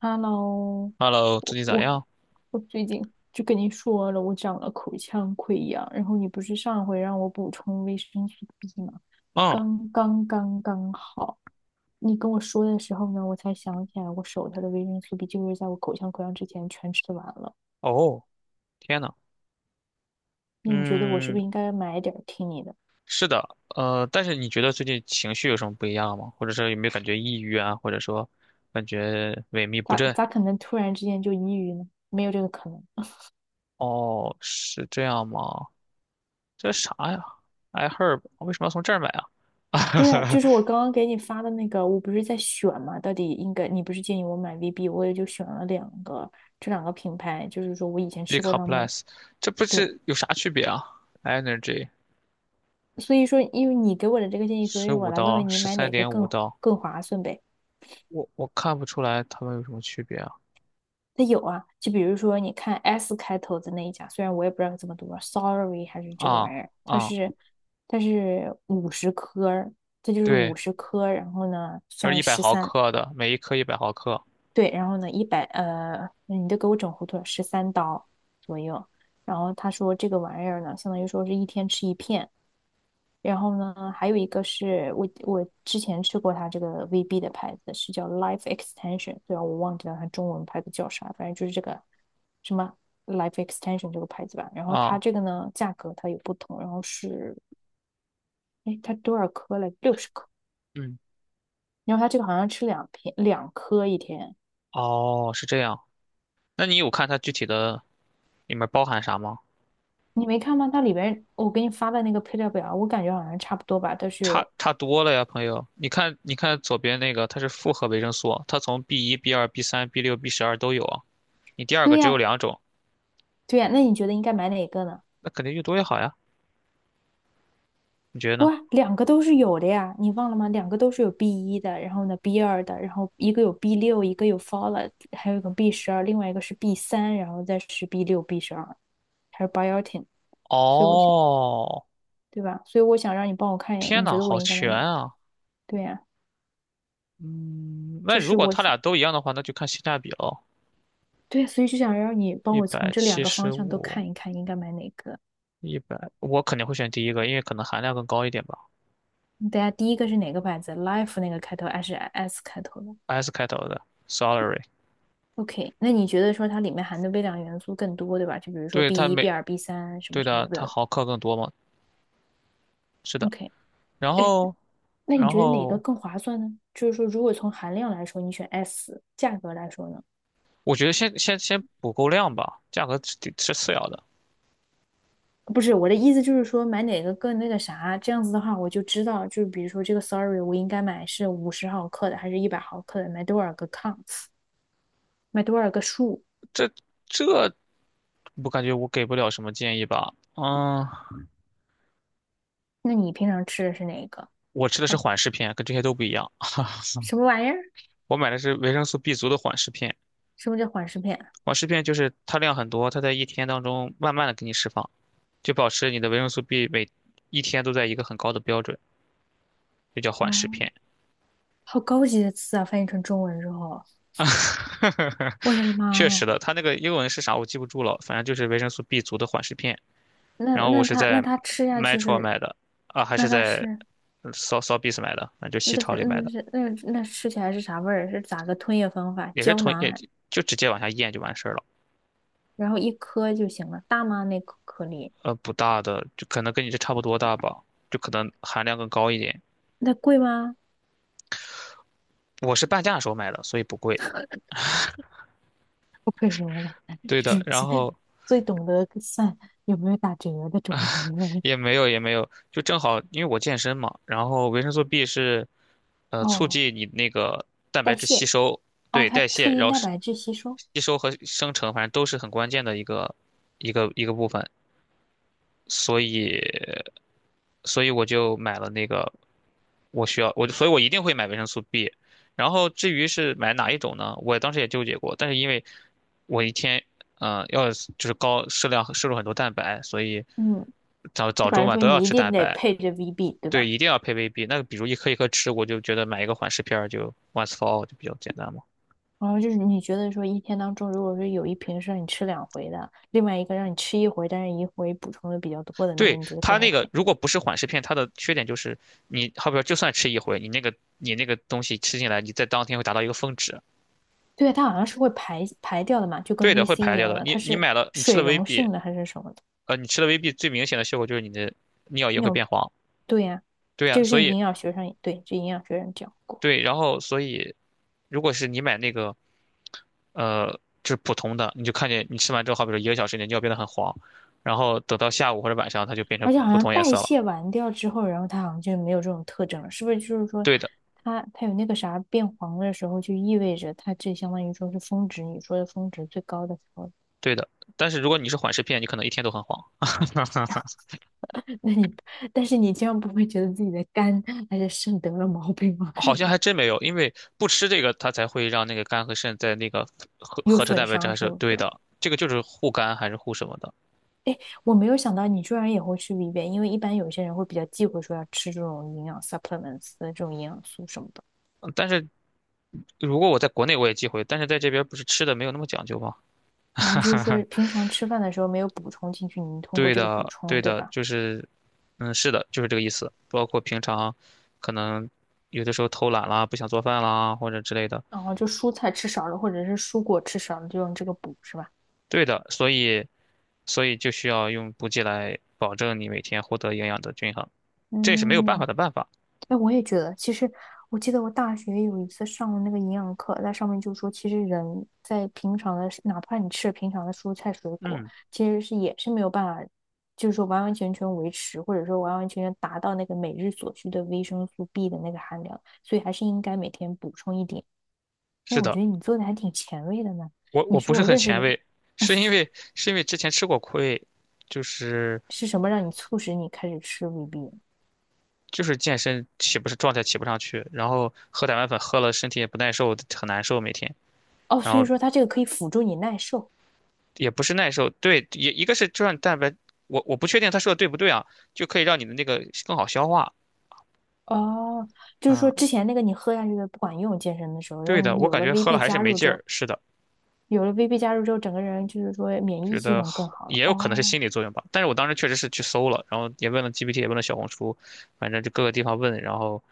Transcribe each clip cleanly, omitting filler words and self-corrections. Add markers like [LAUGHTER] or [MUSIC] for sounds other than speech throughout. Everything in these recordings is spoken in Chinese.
Hello,Hello,最我近咋我样？我最近就跟你说了，我长了口腔溃疡，然后你不是上回让我补充维生素 B 吗？嗯，刚好，你跟我说的时候呢，我才想起来我手头的维生素 B 就是在我口腔溃疡之前全吃完了。哦，天呐，那你觉得我是不嗯，是应该买点儿听你的？是的，但是你觉得最近情绪有什么不一样吗？或者说有没有感觉抑郁啊？或者说感觉萎靡不咋振？咋可能突然之间就抑郁呢？没有这个可能。哦，是这样吗？这啥呀？I herb,为什么要从这儿买啊 对啊，就 [LAUGHS] 是我刚刚给你发的那个，我不是在选嘛？到底应该，你不是建议我买 VB，我也就选了两个，这两个品牌，就是说我以前？B 吃 c 过 o m 他 p l e 们。s [LAUGHS] 这不对，是有啥区别啊？Energy 所以说因为你给我的这个建议，所十以我五来问刀，问你十买三哪个点五更刀，更划算呗？我看不出来它们有什么区别啊？它有啊，就比如说你看 S 开头的那一家，虽然我也不知道它怎么读 s o r r y 还是这个啊玩意儿，它啊，是它是五十颗，这就是对。五十颗，然后呢就是算一百十毫三。克的，每一颗一百毫克对，然后呢，一百呃，你都给我整糊涂了，13刀左右。然后他说这个玩意儿呢，相当于说是一天吃一片。然后呢，还有一个是我之前吃过它这个 VB 的牌子，是叫 Life Extension。对啊，然我忘记了它中文牌子叫啥，反正就是这个什么 Life Extension 这个牌子吧。然后它啊。这个呢，价格它有不同，然后是，哎，它多少颗了？60颗。嗯，然后它这个好像吃两片，两颗一天。哦，是这样。那你有看它具体的里面包含啥吗？你没看吗？它里边我给你发的那个配料表，我感觉好像差不多吧，都是差有。差多了呀，朋友。你看，你看左边那个，它是复合维生素，它从 B 一、B 二、B 三、B 六、B 十二都有啊。你第二对个只有呀，两种，对呀，那你觉得应该买哪个呢？那肯定越多越好呀。你觉得不呢？啊，两个都是有的呀，你忘了吗？两个都是有 B 一的，然后呢 B 二的，然后一个有 B 六，一个有 folate，还有一个 B 十二，另外一个是 B 三，然后再是 B 六、B12，还有 biotin。所以我想，哦，对吧？所以我想让你帮我看一眼，天你觉呐，得我好应该买全哪个？啊！对呀，嗯，那这如是果我，它俩都一样的话，那就看性价比喽。对，所以就想让你帮一我从百这两七个方十向都五，看一看，应该买哪个。一百，我肯定会选第一个，因为可能含量更高一点吧。大家第一个是哪个牌子？Life 那个开头还是 S 开头的 S 开头的 Salary,？OK，那你觉得说它里面含的微量元素更多，对吧？就比如说 对它 B 一、B 每二、B 三什么对什么的，的，不知道它了。毫克更多嘛？是的，OK，然哎，后那你然觉得哪个后更划算呢？就是说，如果从含量来说，你选 S；价格来说呢？我觉得先补够量吧，价格是次要的。不是，我的意思就是说，买哪个更那个啥，这样子的话，我就知道，就是比如说这个 Sorry，我应该买是50毫克的，还是100毫克的，买多少个 counts，买多少个数？这这我感觉我给不了什么建议吧。嗯，那你平常吃的是哪一个？我吃的是啊，缓释片，跟这些都不一样。[LAUGHS] 什么玩意儿？我买的是维生素 B 族的缓释片，什么叫缓释片？缓释片就是它量很多，它在一天当中慢慢的给你释放，就保持你的维生素 B 每一天都在一个很高的标准，就叫缓释哦，片。好高级的词啊！翻译成中文之后，[LAUGHS] 啊，我的确妈实呀！的，它那个英文是啥我记不住了，反正就是维生素 B 族的缓释片。那然后我那是它那在 它吃下去 Metro 是，买的，啊，还那是它在 是 s o s o b i s 买的，反正就西那是超里买那的，是那那吃起来是啥味儿？是咋个吞咽方法？也是胶同囊也还，就直接往下咽就完事儿了。然后一颗就行了，大吗？那颗颗粒不大的，就可能跟你这差不多大吧，就可能含量更高一点。那贵吗？我是半价的时候买的，所以不贵。[LAUGHS] 不愧是我俩，[LAUGHS] 对就的，是然最后最懂得算有没有打折的中国人。也没有，就正好因为我健身嘛，然后维生素 B 是促哦，进你那个蛋白代质吸谢，收，哦，对它代促谢，然进后蛋是白质吸收。吸收和生成，反正都是很关键的一个部分，所以所以我就买了那个我需要我所以我一定会买维生素 B,然后至于是买哪一种呢，我当时也纠结过，但是因为我一天嗯、呃要就是高适量摄入很多蛋白，所以嗯，早就早反中正晚说都要你一吃定蛋得白，配着 VB，对对，吧？一定要配 VB。那个，比如一颗一颗吃，我就觉得买一个缓释片儿就 once for all 就比较简单嘛。然后就是你觉得说一天当中，如果说有一瓶是让你吃两回的，另外一个让你吃一回，但是一回补充的比较多的那个，对，你觉得它更 那个 OK？如果不是缓释片，它的缺点就是你好比说就算吃一回，你那个东西吃进来，你在当天会达到一个峰值。对，它好像是会排掉的嘛，就跟 对的，会 VC 一排掉样的。的，它你你是买了，你吃水了 溶 VB,性的还是什么的？你吃了 VB 最明显的效果就是你的尿液那会种，变黄。对呀、对这呀，个是营养学上，对，这营养学上讲过，对，然后所以如果是你买那个呃，就是普通的，你就看见你吃完之后，好比说一个小时，你的尿变得很黄，然后等到下午或者晚上，它就变成而且好普像通颜代色了。谢完掉之后，然后它好像就没有这种特征了，是不是？就是说对的，它有那个啥变黄的时候，就意味着它这相当于说是峰值，你说的峰值最高的时候。对的。但是如果你是缓释片，你可能一天都很黄。[LAUGHS] 那你，但是你这样不会觉得自己的肝还是肾得了毛病吗？好 [LAUGHS] 像还真没有，因为不吃这个，它才会让那个肝和肾在那个有合成损蛋白质伤还是是不对是？的。这个就是护肝还是护什么的。我没有想到你居然也会吃 VB，因为一般有些人会比较忌讳说要吃这种营养 supplements 的这种营养素什么的，但是如果我在国内我也忌讳，但是在这边不是吃的没有那么讲究吗？然后就是说 [LAUGHS] 平常吃饭的时候没有补充进去，你通过对这个补的，充，对对的，吧？就是，是的，就是这个意思。包括平常可能有的时候偷懒啦，不想做饭啦，或者之类的。然后就蔬菜吃少了，或者是蔬果吃少了，就用这个补，是吧？对的，所以就需要用补剂来保证你每天获得营养的均衡，这也是没有办法嗯，的办法。哎，我也觉得，其实我记得我大学有一次上了那个营养课，在上面就说，其实人在平常的，哪怕你吃平常的蔬菜水果，嗯，其实是也是没有办法，就是说完完全全维持，或者说完完全全达到那个每日所需的维生素 B 的那个含量，所以还是应该每天补充一点。哎，是我的，觉得你做的还挺前卫的呢。我你我不说是我很认识前的卫，是因为之前吃过亏，就是是什么让你促使你开始吃 VB？就是健身起不是状态起不上去，然后喝蛋白粉喝了身体也不耐受，很难受每天。哦，然所以后说它这个可以辅助你耐受。也不是耐受，对，也一个是就让蛋白，我不确定他说的对不对啊，就可以让你的那个更好消化哦，就是说啊。之前那个你喝下去的不管用，健身的时候，然对后的，你我有感了 觉喝了 VB 还是加没入劲之后，儿，是的，有了 VB 加入之后，整个人就是说免疫觉系得统更好好了。也有可能是哦，心理作用吧。但是我当时确实是去搜了，然后也问了 GPT,也问了小红书，反正就各个地方问，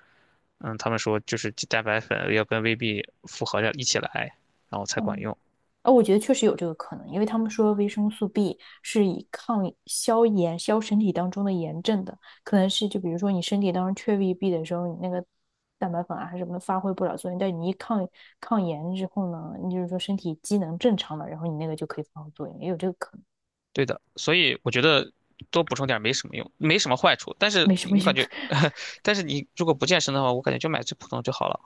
他们说就是蛋白粉要跟 VB 复合着一起来，然后才管嗯，用。哦，我觉得确实有这个可能，因为他们说维生素 B 是以抗消炎、消身体当中的炎症的，可能是就比如说你身体当中缺 VB 的时候，你那个蛋白粉啊什么的发挥不了作用，但你一抗炎之后呢，你就是说身体机能正常了，然后你那个就可以发挥作用，也有这个可能，对的，所以我觉得多补充点儿没什么用，没什么坏处。但是没什么我感用。觉，[LAUGHS] 但是你如果不健身的话，我感觉就买最普通的就好了。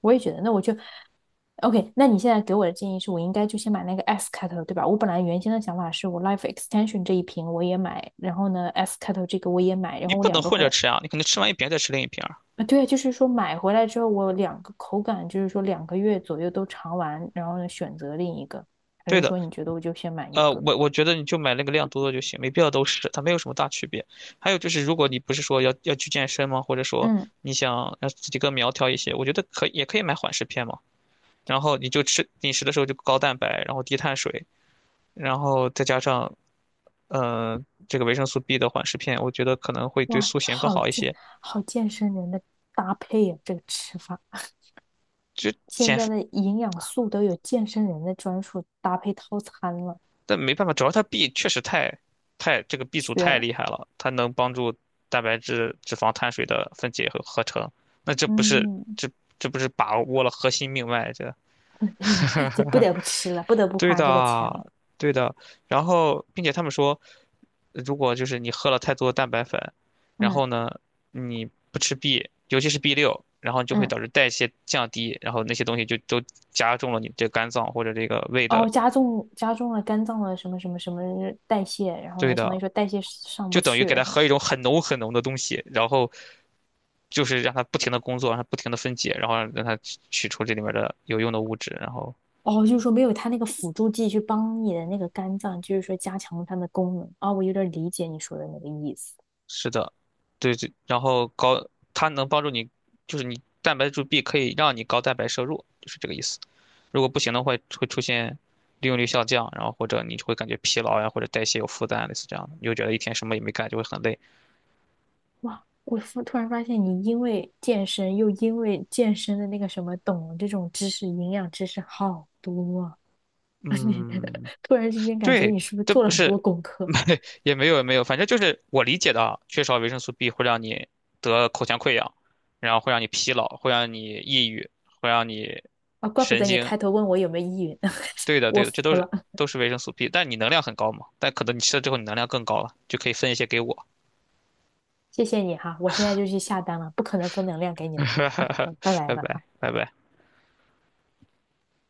我也觉得，那我就 OK。那你现在给我的建议是我应该就先买那个 S 开头，对吧？我本来原先的想法是我 Life Extension 这一瓶我也买，然后呢 S 开头这个我也买，然你后我不能两个混回着来，吃啊，你可能吃完一瓶再吃另一瓶儿啊，对，就是说买回来之后我两个口感就是说2个月左右都尝完，然后呢选择另一个，还对是的，说你觉得我就先买一个？我觉得你就买那个量多的就行，没必要都吃，它没有什么大区别。还有就是，如果你不是说要去健身吗？或者说嗯，你想让自己更苗条一些，我觉得也可以买缓释片嘛。然后你就吃饮食的时候就高蛋白，然后低碳水，然后再加上呃这个维生素 B 的缓释片，我觉得可能会对哇，塑形更好一些。好健身人的搭配呀、这个吃法，就现减在的营养素都有健身人的专属搭配套餐了，但没办法，主要它 B 确实太这个 B 族缺太了。厉害了，它能帮助蛋白质、脂肪、碳水的分解和合成。那这不是嗯，这这不是把握了核心命脉？这 [LAUGHS] 就不 [LAUGHS] 得不吃了，不得不对花这个钱了。的，对的。然后，并且他们说，如果就是你喝了太多蛋白粉，然嗯后呢，你不吃 B,尤其是 B 六，然后就会嗯，导致代谢降低，然后那些东西就都加重了你这肝脏或者这个胃的。哦，加重，加重了肝脏的什么什么什么代谢，然后对呢，相当的，于说代谢上就不等于去，给然它后喝一种很浓很浓的东西，然后就是让它不停的工作，让它不停的分解，然后让它取出这里面的有用的物质。哦，就是说没有它那个辅助剂去帮你的那个肝脏，就是说加强它的功能。哦，我有点理解你说的那个意思。是的，对对，然后高它能帮助你，就是你蛋白质 B 可以让你高蛋白摄入，就是这个意思。如果不行的话，会出现利用率下降，然后或者你就会感觉疲劳呀，或者代谢有负担，类似这样的，你就觉得一天什么也没干，就会很累。哇，我突然发现你因为健身又因为健身的那个什么懂这种知识，营养知识好多啊！[LAUGHS] 你嗯，突然之间感觉对，你是不是这做不了很多是，功 [LAUGHS] 课？没也没有，反正就是我理解的啊，缺少维生素 B 会让你得口腔溃疡，然后会让你疲劳，会让你抑郁，会让你啊，怪不神得你经。开头问我有没有依云，[LAUGHS] 对的，我对的，服这都是了，都是维生素 B,但你能量很高嘛，但可能你吃了之后你能量更高了，就可以分一些给我。谢谢你哈，我现在就去下单了，不可能分能量给你了，拜 [LAUGHS] 拜拜了。拜，拜拜。